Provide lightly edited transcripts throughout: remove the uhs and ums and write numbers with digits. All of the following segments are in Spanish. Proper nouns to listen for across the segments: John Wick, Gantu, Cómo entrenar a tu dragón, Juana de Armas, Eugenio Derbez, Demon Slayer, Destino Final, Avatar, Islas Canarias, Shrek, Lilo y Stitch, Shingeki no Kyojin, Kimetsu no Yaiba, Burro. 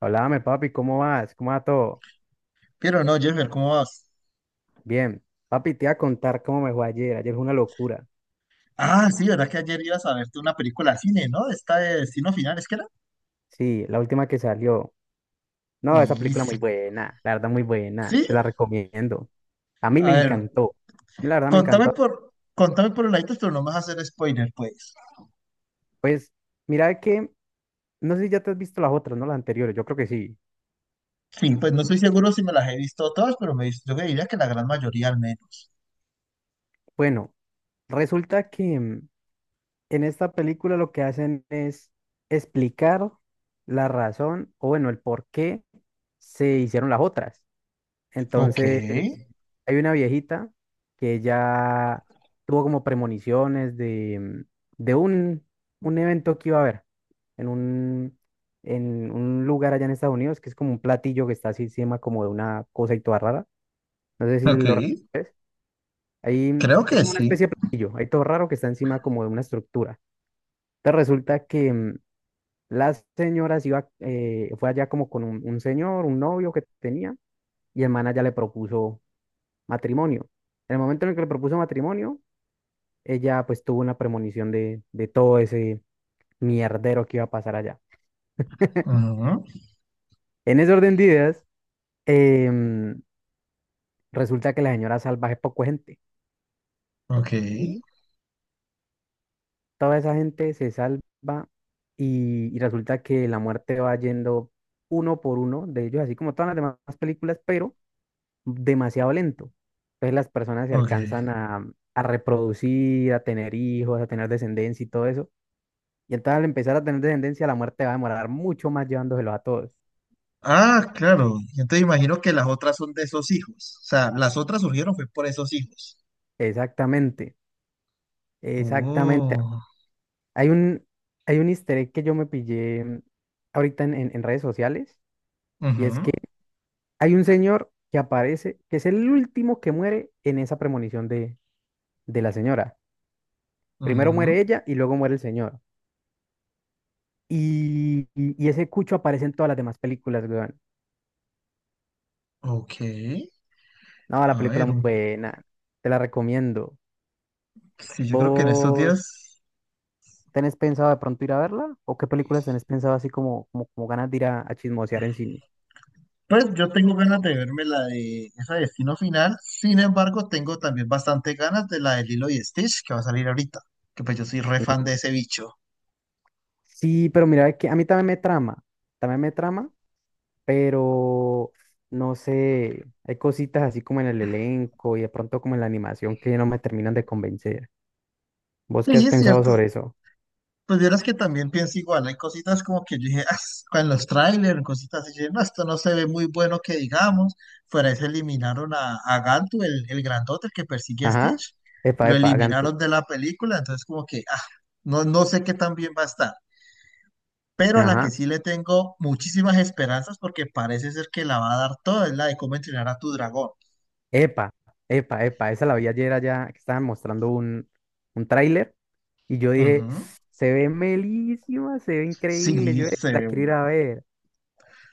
Háblame, papi, ¿cómo vas? ¿Cómo va todo? Pero no, Jeffer, ¿cómo vas? Bien. Papi, te iba a contar cómo me fue ayer. Ayer fue una locura. Ah, sí, ¿verdad que ayer ibas a verte una película de cine, ¿no? Esta de Destino Final, ¿es que era? Sí, la última que salió. No, esa Y película sí. muy buena, la verdad muy buena. ¿Sí? Te la recomiendo. A mí me A ver, encantó. La verdad me contame encantó. por, contame por laditos, pero no me vas a hacer spoiler, pues. Pues, mira que, no sé si ya te has visto las otras, ¿no? Las anteriores, yo creo que sí. Sí, pues no estoy seguro si me las he visto todas, pero yo diría que la gran mayoría al menos. Bueno, resulta que en esta película lo que hacen es explicar la razón, o bueno, el por qué se hicieron las otras. Ok. Entonces, hay una viejita que ya tuvo como premoniciones de, de un evento que iba a haber en en un lugar allá en Estados Unidos, que es como un platillo que está así encima como de una cosa y toda rara. No sé si Ok, lo reconoces. Hay, creo hay que como una sí. especie de platillo, hay todo raro que está encima como de una estructura. Entonces resulta que la señora se iba, fue allá como con un señor, un novio que tenía, y el man ya le propuso matrimonio. En el momento en el que le propuso matrimonio, ella pues tuvo una premonición de todo ese mierdero que iba a pasar allá. Ujú. En ese orden de ideas, em, resulta que la señora salva es poco gente Ok, y toda esa gente se salva y resulta que la muerte va yendo uno por uno de ellos, así como todas las demás películas, pero demasiado lento. Entonces las personas se ok. alcanzan a reproducir, a tener hijos, a tener descendencia y todo eso. Y entonces al empezar a tener descendencia, la muerte va a demorar mucho más llevándoselos a todos. Ah, claro. Entonces imagino que las otras son de esos hijos. O sea, las otras surgieron fue por esos hijos. Exactamente, exactamente. Oh. Hay hay un easter egg que yo me pillé ahorita en redes sociales, y es que Ujú. hay un señor que aparece, que es el último que muere en esa premonición de la señora. Primero muere Ujú. ella y luego muere el señor. Y, y ese cucho aparece en todas las demás películas, weón. Ok, No, la a película ver, muy buena, te la recomiendo. sí, yo creo que en estos Vos días, ¿tenés pensado de pronto ir a verla? ¿O qué películas tenés pensado así como ganas de ir a chismosear en cine? pues yo tengo ganas de verme la de esa de Destino Final, sin embargo, tengo también bastante ganas de la de Lilo y Stitch que va a salir ahorita, que pues yo soy re fan de ese bicho. Sí, pero mira, que a mí también me trama, pero no sé, hay cositas así como en el elenco y de pronto como en la animación que no me terminan de convencer. ¿Vos qué has Sí, es pensado cierto. sobre eso? Pues vieras que también pienso igual, hay cositas como que yo dije: "Ah, en los trailers, en cositas así", dije: "No, esto no se ve muy bueno que digamos". Fuera de eso eliminaron a Gantu, el grandote, el que persigue a Ajá, Stitch, epa, lo epa, hagan tú. eliminaron de la película, entonces como que, ah, no sé qué tan bien va a estar, pero a la que Ajá. sí le tengo muchísimas esperanzas porque parece ser que la va a dar toda, es la de cómo entrenar a tu dragón. Epa, epa, epa, esa la vi ayer allá que estaban mostrando un tráiler y yo dije, Ujú. se ve melísima, se ve increíble, Sí, yo la quiero ir a ver.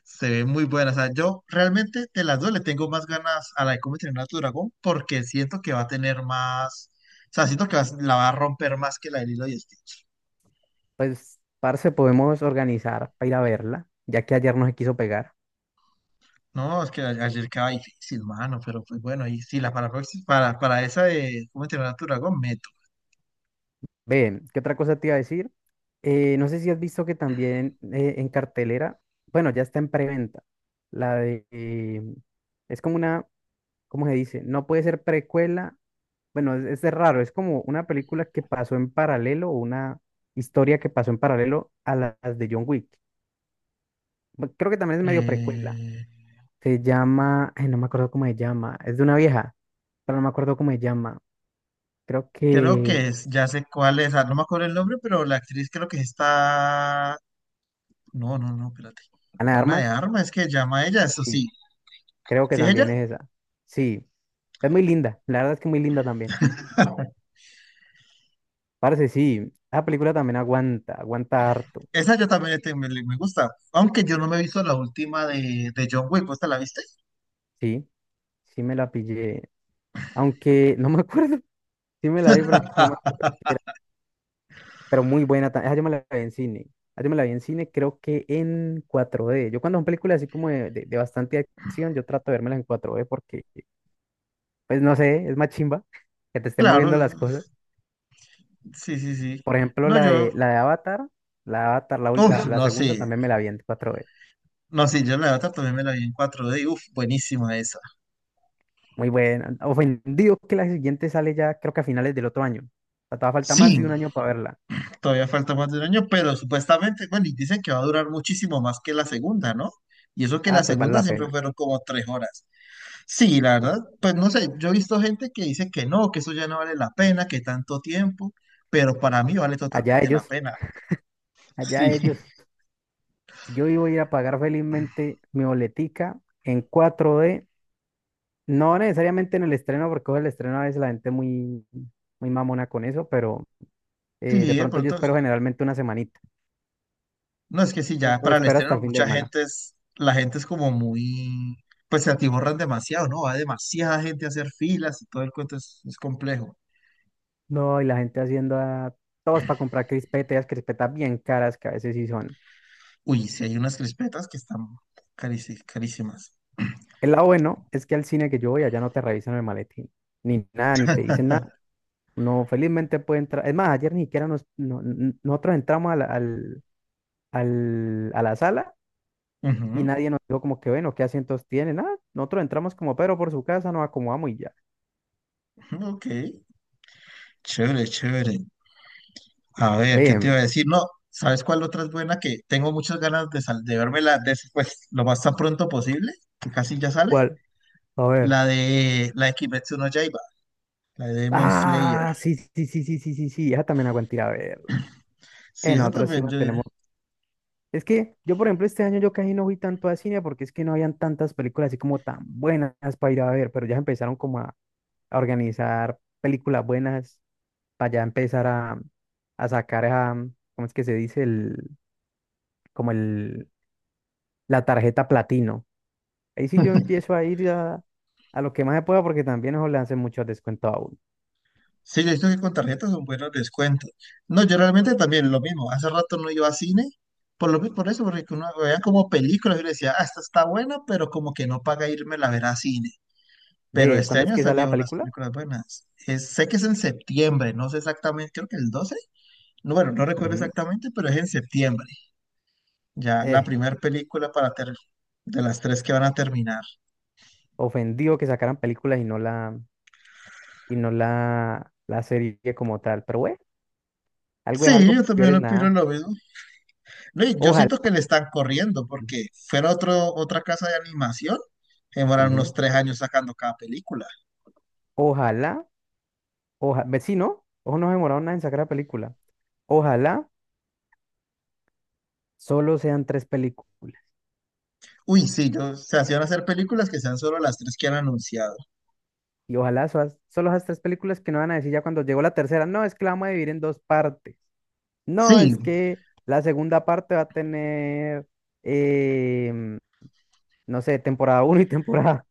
se ve muy buena. O sea, yo realmente de las dos le tengo más ganas a la de cómo entrenar a tu dragón porque siento que va a tener más. O sea, siento que la va a romper más que la de Lilo y Stitch. Pues, parce, podemos organizar para ir a verla, ya que ayer no se quiso pegar. No, es que ayer quedaba difícil, mano. Pero pues bueno, y sí, la para, proxi- para esa de cómo entrenar a tu dragón, meto. Ven, ¿qué otra cosa te iba a decir? No sé si has visto que también en cartelera, bueno, ya está en preventa, la de, eh, es como una, ¿cómo se dice? No puede ser precuela. Bueno, es de raro, es como una película que pasó en paralelo, una historia que pasó en paralelo a las de John Wick. Creo que también es medio precuela. Eh, Se llama, ay, no me acuerdo cómo se llama, es de una vieja, pero no me acuerdo cómo se llama. Creo creo que que es, ya sé cuál es. Ah, no me acuerdo el nombre, pero la actriz creo que está esta. No, no, no, espérate. Ana de Juana de Armas, Armas, es que llama a ella, eso sí, sí. creo que ¿Sí es ella? también es esa. Sí, es muy linda, la verdad es que muy linda también. Parece, sí, la película también aguanta, aguanta harto. Esa yo también me, me gusta, aunque yo no me he visto la última de John Wick, ¿vos te la viste? Sí, sí me la pillé, aunque no me acuerdo, sí me la vi, pero no me acuerdo. Pero muy buena. Esa yo me la vi en cine. Esa yo me la vi en cine, creo que en cuatro d. Yo cuando son películas así como de bastante acción, yo trato de vérmelas en cuatro d porque, pues no sé, es más chimba que te esté Claro, moviendo las cosas. sí, sí, sí. Por ejemplo, No, yo, la de Avatar, la de Avatar, uff, la no, segunda sí, también me la vi en cuatro d. no, sí, yo la otra también me la vi en 4D, uff, buenísima esa. Muy buena. Ofendido que la siguiente sale ya, creo que a finales del otro año. O sea, todavía falta más Sí, de un año para verla. todavía falta más de un año, pero supuestamente, bueno, y dicen que va a durar muchísimo más que la segunda, ¿no? Y eso que la Ah, pues vale segunda la siempre pena. fueron como tres horas. Sí, la Sí. verdad, pues no sé, yo he visto gente que dice que no, que eso ya no vale la pena, que tanto tiempo, pero para mí vale Allá totalmente la ellos, pena. Sí, allá ellos. Yo iba a ir a pagar felizmente mi boletica en 4D, no necesariamente en el estreno, porque el estreno a veces la gente muy, muy mamona con eso, pero de sí, de pronto yo pronto. espero generalmente una semanita No, es que sí, ya o para el espero hasta estreno el fin de mucha semana. gente es, la gente es como muy, pues se atiborran demasiado, ¿no? Va demasiada gente a hacer filas y todo el cuento es complejo. No, y la gente haciendo a todos para comprar crispetas, crispetas bien caras que a veces sí son. Uy, sí hay unas crispetas que están carísimas. El lado bueno es que al cine que yo voy allá no te revisan el maletín, ni nada, ni te dicen nada. No, felizmente puede entrar. Es más, ayer ni siquiera nosotros entramos a a la sala. Y Ujú, nadie nos dijo como que, bueno, ¿qué asientos tienen? Ah, nosotros entramos como pero por su casa, nos acomodamos y ya. ujú, ok, chévere, chévere. A ver, ¿qué te iba Ven, a decir? No, ¿sabes cuál otra es buena? Que tengo muchas ganas de, de vérmela después, lo más tan pronto posible, que casi ya sale. ¿cuál? A ver. La de Kimetsu no Yaiba, la de Demon Slayer. Ah, sí, sí, sí, sí, sí, sí, sí, esa también aguanté a ver. Sí, En eso otros sí también yo diría. tenemos. Es que yo, por ejemplo, este año yo casi no fui tanto a cine porque es que no habían tantas películas así como tan buenas para ir a ver, pero ya empezaron como a organizar películas buenas para ya empezar a sacar ¿cómo es que se dice? Como el, la tarjeta platino. Ahí sí yo empiezo a ir a lo que más se pueda porque también eso le hacen muchos descuentos a uno. Sí, yo he visto que con tarjetas son buenos descuentos. No, yo realmente también lo mismo. Hace rato no iba a cine, por eso, porque uno veía como películas y le decía, ah, esta está buena, pero como que no paga irme la ver a cine. Pero ¿De este cuándo es año que sale la salió unas película? películas buenas. Sé que es en septiembre, no sé exactamente, creo que el 12. No, bueno, no recuerdo Ujú. exactamente, pero es en septiembre. Ya la Eh, primera película para de las tres que van a terminar. Ofendido que sacaran películas y no y no la, la serie como tal. Pero bueno, algo es Sí, yo algo, peor también es lo opino nada. lo mismo. No, y yo Ojalá. siento que le están corriendo porque fuera otro, otra casa de animación, demoraron unos Ujú. tres años sacando cada película. Ojalá, ojalá, ve, sí, ¿no? Ojo, no se demoraron nada en sacar la película. Ojalá solo sean tres películas. Uy, sí, yo, se hacían hacer películas que sean solo las tres que han anunciado. Y ojalá solo esas tres películas que no van a decir ya cuando llegó la tercera, no, es que la vamos a dividir en dos partes. No, Sí, es que la segunda parte va a tener, em, no sé, temporada uno y temporada.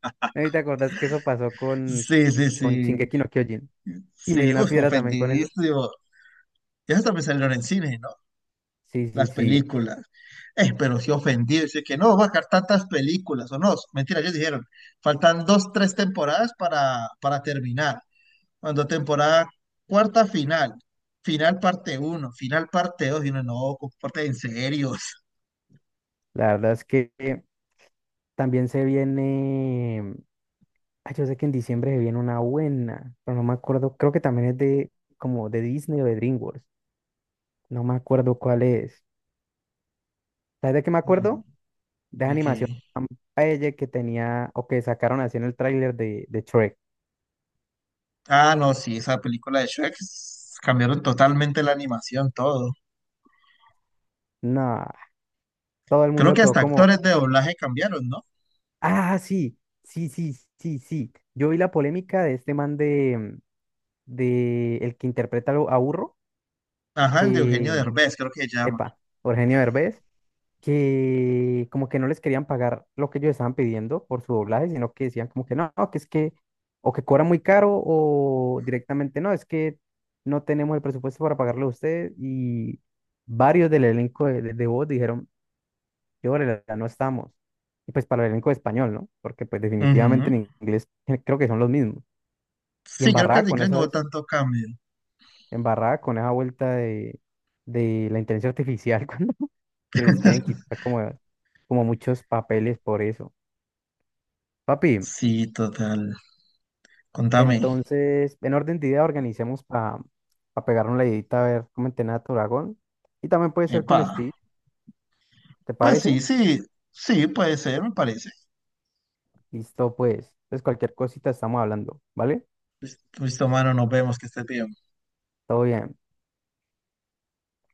¿No te acordás que eso pasó con, sí, sí, con sí, Shingeki no Kyojin? Y me dio sí, una uf, piedra también con eso. ofendidísimo. Ya hasta me salieron en cine, ¿no? Sí, sí, Las sí. películas. Pero sí ofendido, dice que no, va a sacar tantas películas, o no, mentira, ellos dijeron, faltan dos, tres temporadas para terminar. Cuando temporada cuarta final, final parte uno, final parte dos, y uno, no, comparte en serio. La verdad es que también se viene. Ay, yo sé que en diciembre se viene una buena, pero no me acuerdo. Creo que también es de como de Disney o de DreamWorks. No me acuerdo cuál es. ¿Sabes de qué me No, acuerdo? De esa de que. animación tan bella que tenía o que sacaron así en el tráiler de Shrek. Ah, no, sí, esa película de Shrek cambiaron totalmente la animación, todo. No, todo el Creo mundo que quedó hasta como, actores de doblaje cambiaron, ¿no? ah, sí, sí, sí, sí, sí. Yo vi la polémica de este man de el que interpreta a a Burro, Ajá, el de Eugenio que, Derbez, creo que se llama. epa, Eugenio Derbez, que como que no les querían pagar lo que ellos estaban pidiendo por su doblaje, sino que decían como que no, no, que es que, o que cobra muy caro, o directamente no, es que no tenemos el presupuesto para pagarle a usted. Y varios del elenco de de voz dijeron, y órale, ya no estamos. Y pues para el elenco de español, ¿no? Porque pues definitivamente Ujú. en inglés creo que son los mismos. Y Sí, creo que embarrada en con inglés no hubo esas, tanto cambio. embarrada con esa vuelta de la inteligencia artificial, cuando que les quieren quitar como, como muchos papeles por eso. Papi, Sí, total. Contame. entonces, en orden de idea, organicemos para pegar una leidita a ver cómo entrena a tu dragón. Y también puede ser Epa. con Steve, ¿te Pues sí, parece? sí, sí, puede ser, me parece. Listo, pues. Entonces, cualquier cosita estamos hablando, ¿vale? Listo, mano, nos vemos, que estés bien. Todo bien.